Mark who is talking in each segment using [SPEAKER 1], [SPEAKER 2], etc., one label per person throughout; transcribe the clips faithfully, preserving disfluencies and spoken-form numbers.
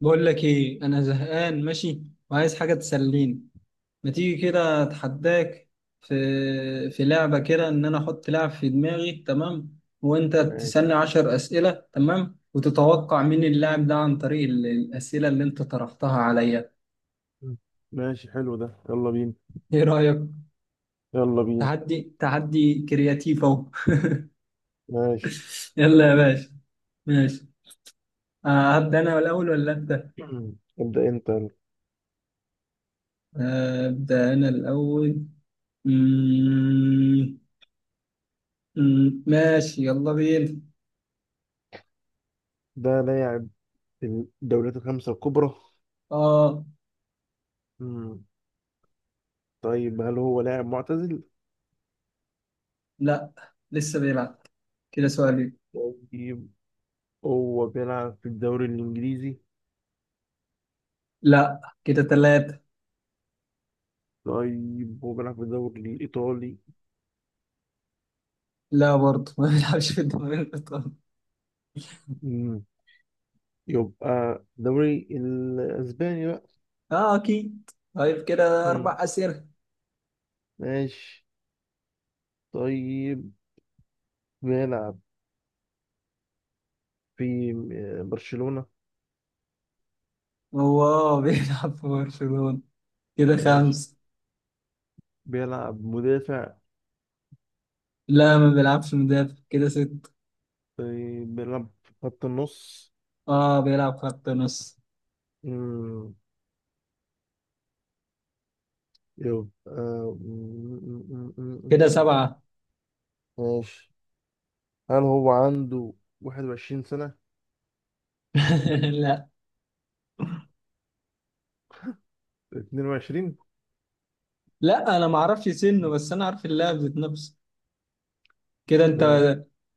[SPEAKER 1] بقول لك ايه؟ انا زهقان، ماشي وعايز حاجه تسليني. ما تيجي كده؟ اتحداك. في في لعبه كده، ان انا احط لعب في دماغي، تمام، وانت
[SPEAKER 2] ماشي.
[SPEAKER 1] تسالني عشر اسئله، تمام، وتتوقع مين اللاعب ده عن طريق ال- الاسئله اللي انت طرحتها عليا.
[SPEAKER 2] مم. ماشي حلو ده، يلا بينا.
[SPEAKER 1] ايه رايك؟
[SPEAKER 2] يلا بينا.
[SPEAKER 1] تحدي، تحدي كرياتيف اهو.
[SPEAKER 2] ماشي.
[SPEAKER 1] يلا يا باشا. ماشي. آه، هبدا انا الاول ولا انت؟
[SPEAKER 2] ابدأ انت يلا.
[SPEAKER 1] آه، ابدا انا الاول. مم، مم، ماشي، يلا بينا.
[SPEAKER 2] ده لاعب الدوريات الخمسة الكبرى.
[SPEAKER 1] اه.
[SPEAKER 2] مم. طيب، هل هو لاعب معتزل؟
[SPEAKER 1] لا، لسه بيلعب. كده سؤالين.
[SPEAKER 2] طيب، هو بيلعب في الدوري الإنجليزي؟
[SPEAKER 1] لا، كده ثلاثة.
[SPEAKER 2] طيب، هو بيلعب في الدوري الإيطالي؟
[SPEAKER 1] لا برضه، ما بيلعبش في الدوري الإيطالي.
[SPEAKER 2] مم. يبقى الدوري الأسباني بقى.
[SPEAKER 1] اه أكيد. طيب كده
[SPEAKER 2] مم.
[SPEAKER 1] أربع أسئلة.
[SPEAKER 2] ماشي. طيب، بيلعب في آه، برشلونة.
[SPEAKER 1] هو اه بيلعب في برشلونة. كده
[SPEAKER 2] ماشي.
[SPEAKER 1] خمسة.
[SPEAKER 2] بيلعب مدافع؟
[SPEAKER 1] لا، ما بيلعبش مدافع. كده ستة.
[SPEAKER 2] طيب، بيلعب في خط النص.
[SPEAKER 1] اه، بيلعب خط نص.
[SPEAKER 2] مم، يبقى مم، مم، مم، مم،
[SPEAKER 1] كده
[SPEAKER 2] مم.
[SPEAKER 1] سبعة.
[SPEAKER 2] ماشي. هل هو عنده واحد وعشرين سنة؟
[SPEAKER 1] لا
[SPEAKER 2] اتنين وعشرين؟
[SPEAKER 1] لا، أنا ما أعرفش سنه، بس أنا عارف اللاعب ذات نفسه. كده أنت.
[SPEAKER 2] ماشي.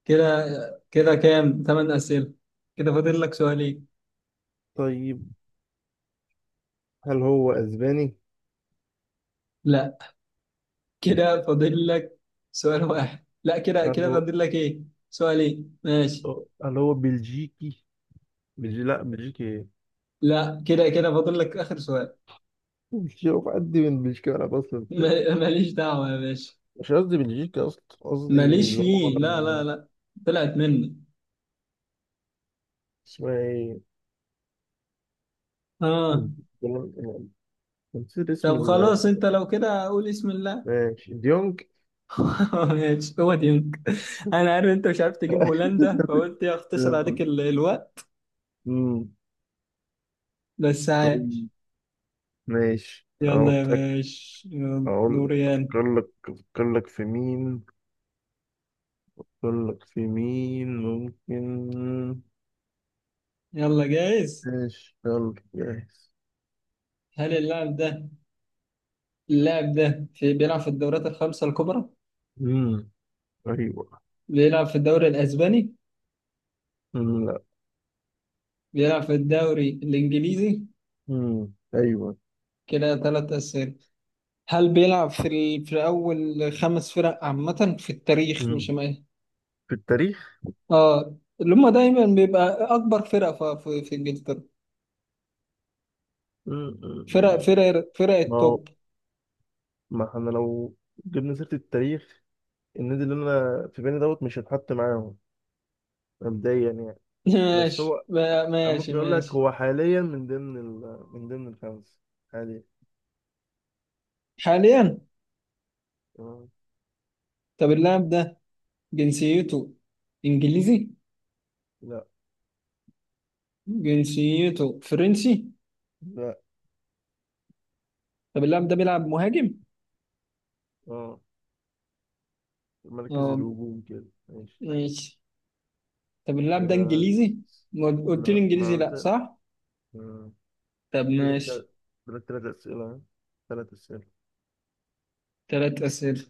[SPEAKER 1] كده كده كام؟ ثمان أسئلة. كده فاضل لك سؤالين.
[SPEAKER 2] طيب، هل هو أسباني؟
[SPEAKER 1] لا، كده فاضل لك سؤال واحد. لا، كده
[SPEAKER 2] هل
[SPEAKER 1] كده
[SPEAKER 2] هو
[SPEAKER 1] فاضل لك ايه؟ سؤالين، ماشي.
[SPEAKER 2] هل هو بلجيكي؟ بلجي... لا، بلجيكي ايه؟
[SPEAKER 1] لا، كده كده فاضل لك اخر سؤال.
[SPEAKER 2] بلجيكي، هو في قد من بلجيكا؟ أنا أصلا في-
[SPEAKER 1] ما- ماليش دعوة يا باشا.
[SPEAKER 2] مش قصدي بلجيكا، أصلا قصدي
[SPEAKER 1] ماليش
[SPEAKER 2] اللي هو
[SPEAKER 1] فيه، لا لا لا. طلعت مني.
[SPEAKER 2] اسمها ايه.
[SPEAKER 1] اه.
[SPEAKER 2] مم. نسيت اسم
[SPEAKER 1] طب
[SPEAKER 2] ال
[SPEAKER 1] خلاص، انت لو كده قول اسم الله.
[SPEAKER 2] ماشي ديونج.
[SPEAKER 1] ماشي، هو ديونج. انا عارف انت مش عارف تجيب هولندا، فقلت يا اختصر عليك ال- الوقت.
[SPEAKER 2] أمم،
[SPEAKER 1] بس عايش.
[SPEAKER 2] طيب ماشي، أنا
[SPEAKER 1] يلا يا
[SPEAKER 2] قلتلك.
[SPEAKER 1] باشا، يلا
[SPEAKER 2] أقول
[SPEAKER 1] دوريان.
[SPEAKER 2] أفكر لك أفكر لك في مين، أفكر لك في مين ممكن.
[SPEAKER 1] يلا جاهز.
[SPEAKER 2] ماشي، يلا جاهز.
[SPEAKER 1] هل اللاعب ده، اللاعب ده في بيلعب في الدوريات الخمسة الكبرى؟
[SPEAKER 2] أمم، أيوة.
[SPEAKER 1] بيلعب في الدوري الأسباني؟
[SPEAKER 2] أمم، لا.
[SPEAKER 1] بيلعب في الدوري الإنجليزي؟
[SPEAKER 2] أمم، أيوة.
[SPEAKER 1] كده ثلاث أسئلة. هل بيلعب في ال... في أول خمس فرق عامة في التاريخ؟ مش
[SPEAKER 2] أمم،
[SPEAKER 1] ما...
[SPEAKER 2] في التاريخ.
[SPEAKER 1] آه اللي هم دايما بيبقى أكبر فرقة في, في, في إنجلترا.
[SPEAKER 2] أمم، أمم،
[SPEAKER 1] فرق
[SPEAKER 2] أمم.
[SPEAKER 1] فرق فرق
[SPEAKER 2] ما هو،
[SPEAKER 1] التوب.
[SPEAKER 2] ما احنا لو جبنا سيرة التاريخ، النادي اللي أنا في بالي دوت مش هتحط معاهم، مبدئيا يعني. بس
[SPEAKER 1] ماشي،
[SPEAKER 2] هو،
[SPEAKER 1] ما-
[SPEAKER 2] أنا
[SPEAKER 1] ماشي
[SPEAKER 2] ممكن أقول لك
[SPEAKER 1] ماشي.
[SPEAKER 2] هو حاليا من ضمن ال... من ضمن الخمس، حاليا.
[SPEAKER 1] حاليا.
[SPEAKER 2] آه.
[SPEAKER 1] طب اللاعب ده جنسيته إنجليزي؟
[SPEAKER 2] لا.
[SPEAKER 1] جنسيته فرنسي؟
[SPEAKER 2] لا،
[SPEAKER 1] طب اللاعب ده بيلعب مهاجم؟
[SPEAKER 2] اه مركز
[SPEAKER 1] آه،
[SPEAKER 2] الهجوم كده، ماشي.
[SPEAKER 1] ماشي. طب اللاعب ده
[SPEAKER 2] كده س-
[SPEAKER 1] انجليزي؟
[SPEAKER 2] س-
[SPEAKER 1] ما قلت لي
[SPEAKER 2] لا
[SPEAKER 1] انجليزي،
[SPEAKER 2] ما ت-
[SPEAKER 1] لا صح؟
[SPEAKER 2] آه.
[SPEAKER 1] طب
[SPEAKER 2] دولك
[SPEAKER 1] ماشي.
[SPEAKER 2] تل- دولك تلات أسئلة، تلات أسئلة.
[SPEAKER 1] ثلاث اسئله.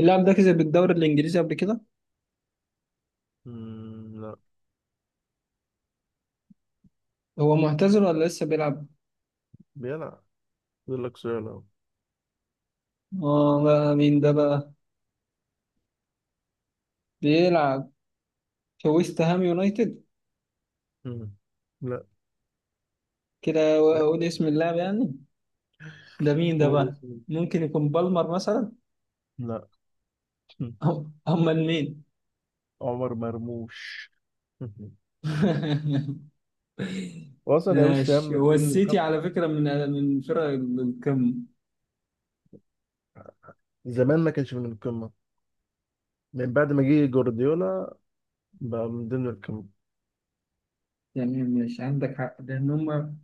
[SPEAKER 1] اللاعب ده كسب الدوري الانجليزي قبل كده؟
[SPEAKER 2] مم، لا.
[SPEAKER 1] هو معتزل ولا لسه بيلعب؟
[SPEAKER 2] بيلعب. دولك سؤال أهو.
[SPEAKER 1] اه، بقى مين ده بقى؟ بيلعب في ويست هام يونايتد.
[SPEAKER 2] مم. لا،
[SPEAKER 1] كده اقول اسم اللاعب يعني. ده مين ده
[SPEAKER 2] قول
[SPEAKER 1] بقى؟
[SPEAKER 2] اسمه.
[SPEAKER 1] ممكن يكون بالمر مثلا؟
[SPEAKER 2] لا.
[SPEAKER 1] أم- امال مين؟
[SPEAKER 2] عمر مرموش. وأصلا يا وسام،
[SPEAKER 1] ماشي،
[SPEAKER 2] من
[SPEAKER 1] هو
[SPEAKER 2] ضمن
[SPEAKER 1] السيتي
[SPEAKER 2] الخمسة.
[SPEAKER 1] على فكره من من فرق القمه.
[SPEAKER 2] زمان ما كانش من القمة، من بعد ما جه جوارديولا بقى من ضمن الكم.
[SPEAKER 1] يعني مش عندك حق لان هم.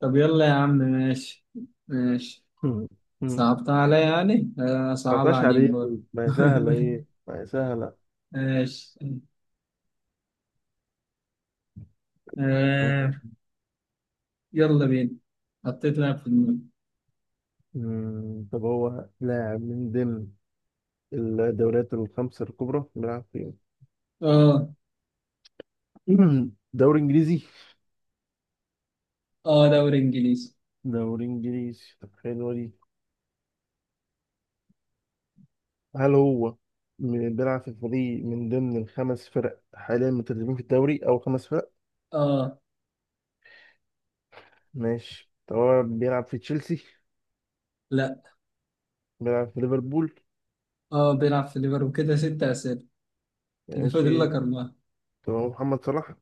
[SPEAKER 1] طب يلا يا عم، ماشي. ماشي.
[SPEAKER 2] مم. مم.
[SPEAKER 1] صعبتها عليا يعني، آه، صعب
[SPEAKER 2] تسعتاشر
[SPEAKER 1] عليك
[SPEAKER 2] عليه،
[SPEAKER 1] برضه.
[SPEAKER 2] ما هي سهلة، إيه ما هي سهلة.
[SPEAKER 1] ماشي. آه يلا بينا. حطيت لاعب في دماغي.
[SPEAKER 2] مم، طب هو لاعب من ضمن الدوريات الخمس الكبرى، بيلعب فين؟
[SPEAKER 1] اه.
[SPEAKER 2] دوري إنجليزي.
[SPEAKER 1] اه، دوري انجليزي.
[SPEAKER 2] دوري إنجليزي، طب حلوة دي. هل هو م- بيلعب في فريق من ضمن الخمس فرق حاليا متدربين في الدوري أو خمس فرق؟
[SPEAKER 1] اه.
[SPEAKER 2] ماشي. طب هو بيلعب في تشيلسي؟
[SPEAKER 1] لا.
[SPEAKER 2] بيلعب في ليفربول؟
[SPEAKER 1] اه، بيلعب في ليفربول. كده ست اسئله. كده فاضل لك
[SPEAKER 2] ماشي.
[SPEAKER 1] اربعه.
[SPEAKER 2] طب هو محمد صلاح؟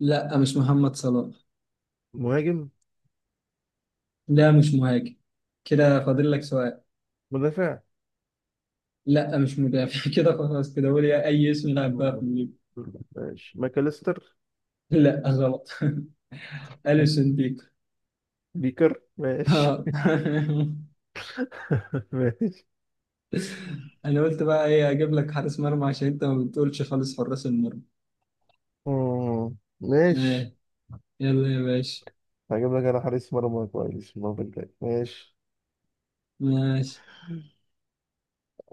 [SPEAKER 1] لا، مش محمد صلاح.
[SPEAKER 2] مهاجم؟
[SPEAKER 1] لا، مش مهاجم. كده فاضل لك سؤال.
[SPEAKER 2] مدافع؟
[SPEAKER 1] لا، مش مدافع. كده خلاص، كده قول يا اي اسم لاعب بقى في
[SPEAKER 2] مم.
[SPEAKER 1] الليفر.
[SPEAKER 2] ماشي. ماكاليستر؟
[SPEAKER 1] لا، غلط. اليسون بيكو.
[SPEAKER 2] بيكر، ماشي.
[SPEAKER 1] اه.
[SPEAKER 2] ماشي.
[SPEAKER 1] انا قلت بقى ايه؟ اجيب لك حارس مرمى، عشان انت ما بتقولش خالص حراس المرمى.
[SPEAKER 2] مم. ماشي،
[SPEAKER 1] ايه. يلا يا باشا.
[SPEAKER 2] هجيب لك انا حارس مرمى كويس المرة الجاية، ماشي.
[SPEAKER 1] ماشي.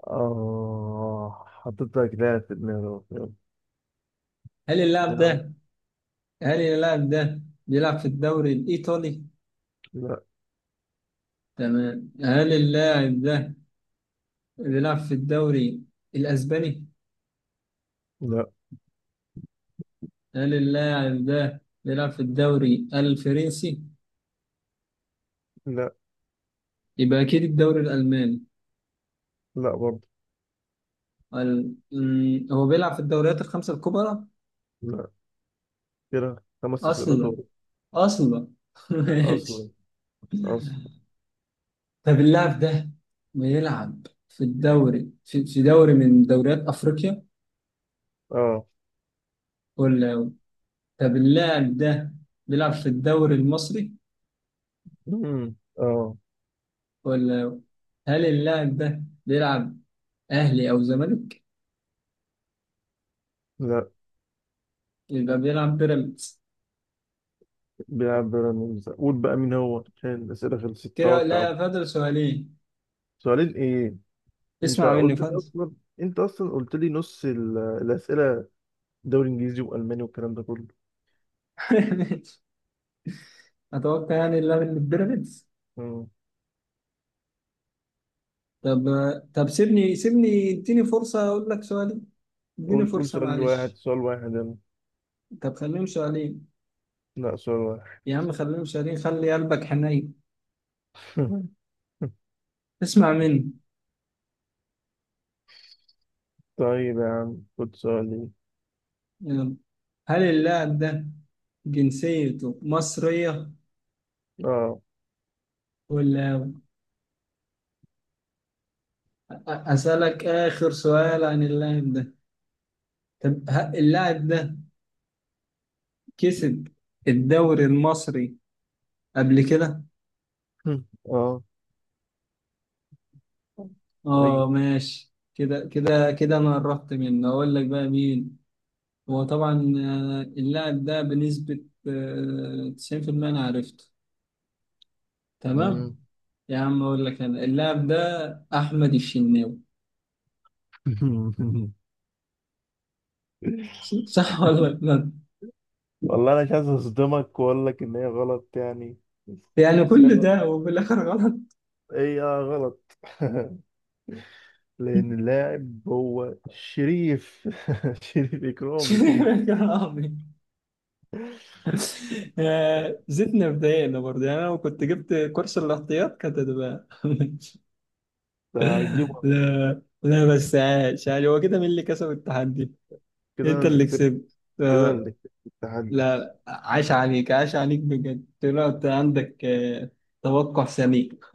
[SPEAKER 2] اه، حطيت لك لاعب في دماغي أهو.
[SPEAKER 1] هل اللاعب
[SPEAKER 2] يلا.
[SPEAKER 1] ده، هل اللاعب ده بيلعب في الدوري الايطالي؟
[SPEAKER 2] لا.
[SPEAKER 1] تمام. هل اللاعب ده بيلعب في الدوري الاسباني؟
[SPEAKER 2] لا. لا.
[SPEAKER 1] هل اللاعب ده بيلعب في الدوري الفرنسي؟
[SPEAKER 2] لا.
[SPEAKER 1] يبقى اكيد الدوري الالماني.
[SPEAKER 2] لا برضه.
[SPEAKER 1] ال... مم، هو بيلعب في الدوريات الخمسه الكبرى؟
[SPEAKER 2] لا. كده خمس أسئلة
[SPEAKER 1] اصلا.
[SPEAKER 2] طول.
[SPEAKER 1] اصلا.
[SPEAKER 2] أصلا،
[SPEAKER 1] ماشي.
[SPEAKER 2] أصلا.
[SPEAKER 1] طب اللاعب ده بيلعب في الدوري في, في دوري من دوريات افريقيا؟
[SPEAKER 2] اه.
[SPEAKER 1] ولا طب اللاعب ده بيلعب في الدوري المصري؟
[SPEAKER 2] مم. اه.
[SPEAKER 1] ولا هل اللاعب ده بيلعب اهلي او زمالك؟
[SPEAKER 2] لا،
[SPEAKER 1] يبقى بيلعب بيراميدز.
[SPEAKER 2] بيلعب بيراميدز. قول بقى مين هو، عشان الأسئلة خلصت،
[SPEAKER 1] كده
[SPEAKER 2] توقع
[SPEAKER 1] لا،
[SPEAKER 2] بقى.
[SPEAKER 1] فاضل سؤالين.
[SPEAKER 2] سؤالين ايه، انت
[SPEAKER 1] اسمع مني،
[SPEAKER 2] قلت لي
[SPEAKER 1] فاضل.
[SPEAKER 2] اصلا انت اصلا قلت لي نص ال- الاسئله، دوري انجليزي والماني والكلام ده كله.
[SPEAKER 1] اتوقع يعني اللاعب اللي في بيراميدز.
[SPEAKER 2] مم.
[SPEAKER 1] طب، طب سيبني سيبني اديني فرصة اقول لك سؤالين. اديني
[SPEAKER 2] قول، قول
[SPEAKER 1] فرصة
[SPEAKER 2] سؤال واحد،
[SPEAKER 1] معلش.
[SPEAKER 2] سؤال واحد، يلا.
[SPEAKER 1] طب خليهم سؤالين.
[SPEAKER 2] لا، سؤال واحد.
[SPEAKER 1] يا عم خليهم سؤالين، خلي قلبك حنين. اسمع مني.
[SPEAKER 2] طيب يا عم خد سؤالي.
[SPEAKER 1] يلا. هل اللاعب ده جنسيته مصرية؟
[SPEAKER 2] اه.
[SPEAKER 1] ولا أسألك آخر سؤال عن اللاعب ده. طب ه- اللاعب ده كسب الدوري المصري قبل كده؟
[SPEAKER 2] اه. ايوه.
[SPEAKER 1] اه، ماشي. كده كده كده انا قربت منه. اقول لك بقى مين؟ هو طبعا، آه، اللاعب ده بنسبة آه، تسعين في المية انا عرفته. تمام.
[SPEAKER 2] مم.
[SPEAKER 1] يا عم اقول لك انا اللاعب ده احمد الشناوي. صح ولا لا؟
[SPEAKER 2] والله، انا مش عايز اصدمك واقول لك ان هي غلط يعني،
[SPEAKER 1] يعني
[SPEAKER 2] بس
[SPEAKER 1] كل
[SPEAKER 2] هي
[SPEAKER 1] ده وفي الاخر غلط.
[SPEAKER 2] هي غلط. لان اللاعب هو شريف، شريف
[SPEAKER 1] شنو
[SPEAKER 2] اكرامي.
[SPEAKER 1] يا عمي؟ آه، زدنا بدايقنا برضه. يعني انا لو كنت جبت كورس الاحتياط كانت هتبقى
[SPEAKER 2] ده هتجيبه.
[SPEAKER 1] لا لا، بس عاش. يعني هو كده مين اللي كسب التحدي؟
[SPEAKER 2] كده انا
[SPEAKER 1] انت
[SPEAKER 2] اللي
[SPEAKER 1] اللي
[SPEAKER 2] كسبت.
[SPEAKER 1] كسبت.
[SPEAKER 2] كده
[SPEAKER 1] آه،
[SPEAKER 2] الاتحاد.
[SPEAKER 1] لا لا، عاش عليك، عاش عليك بجد. طلعت عندك. آه، توقع سميك.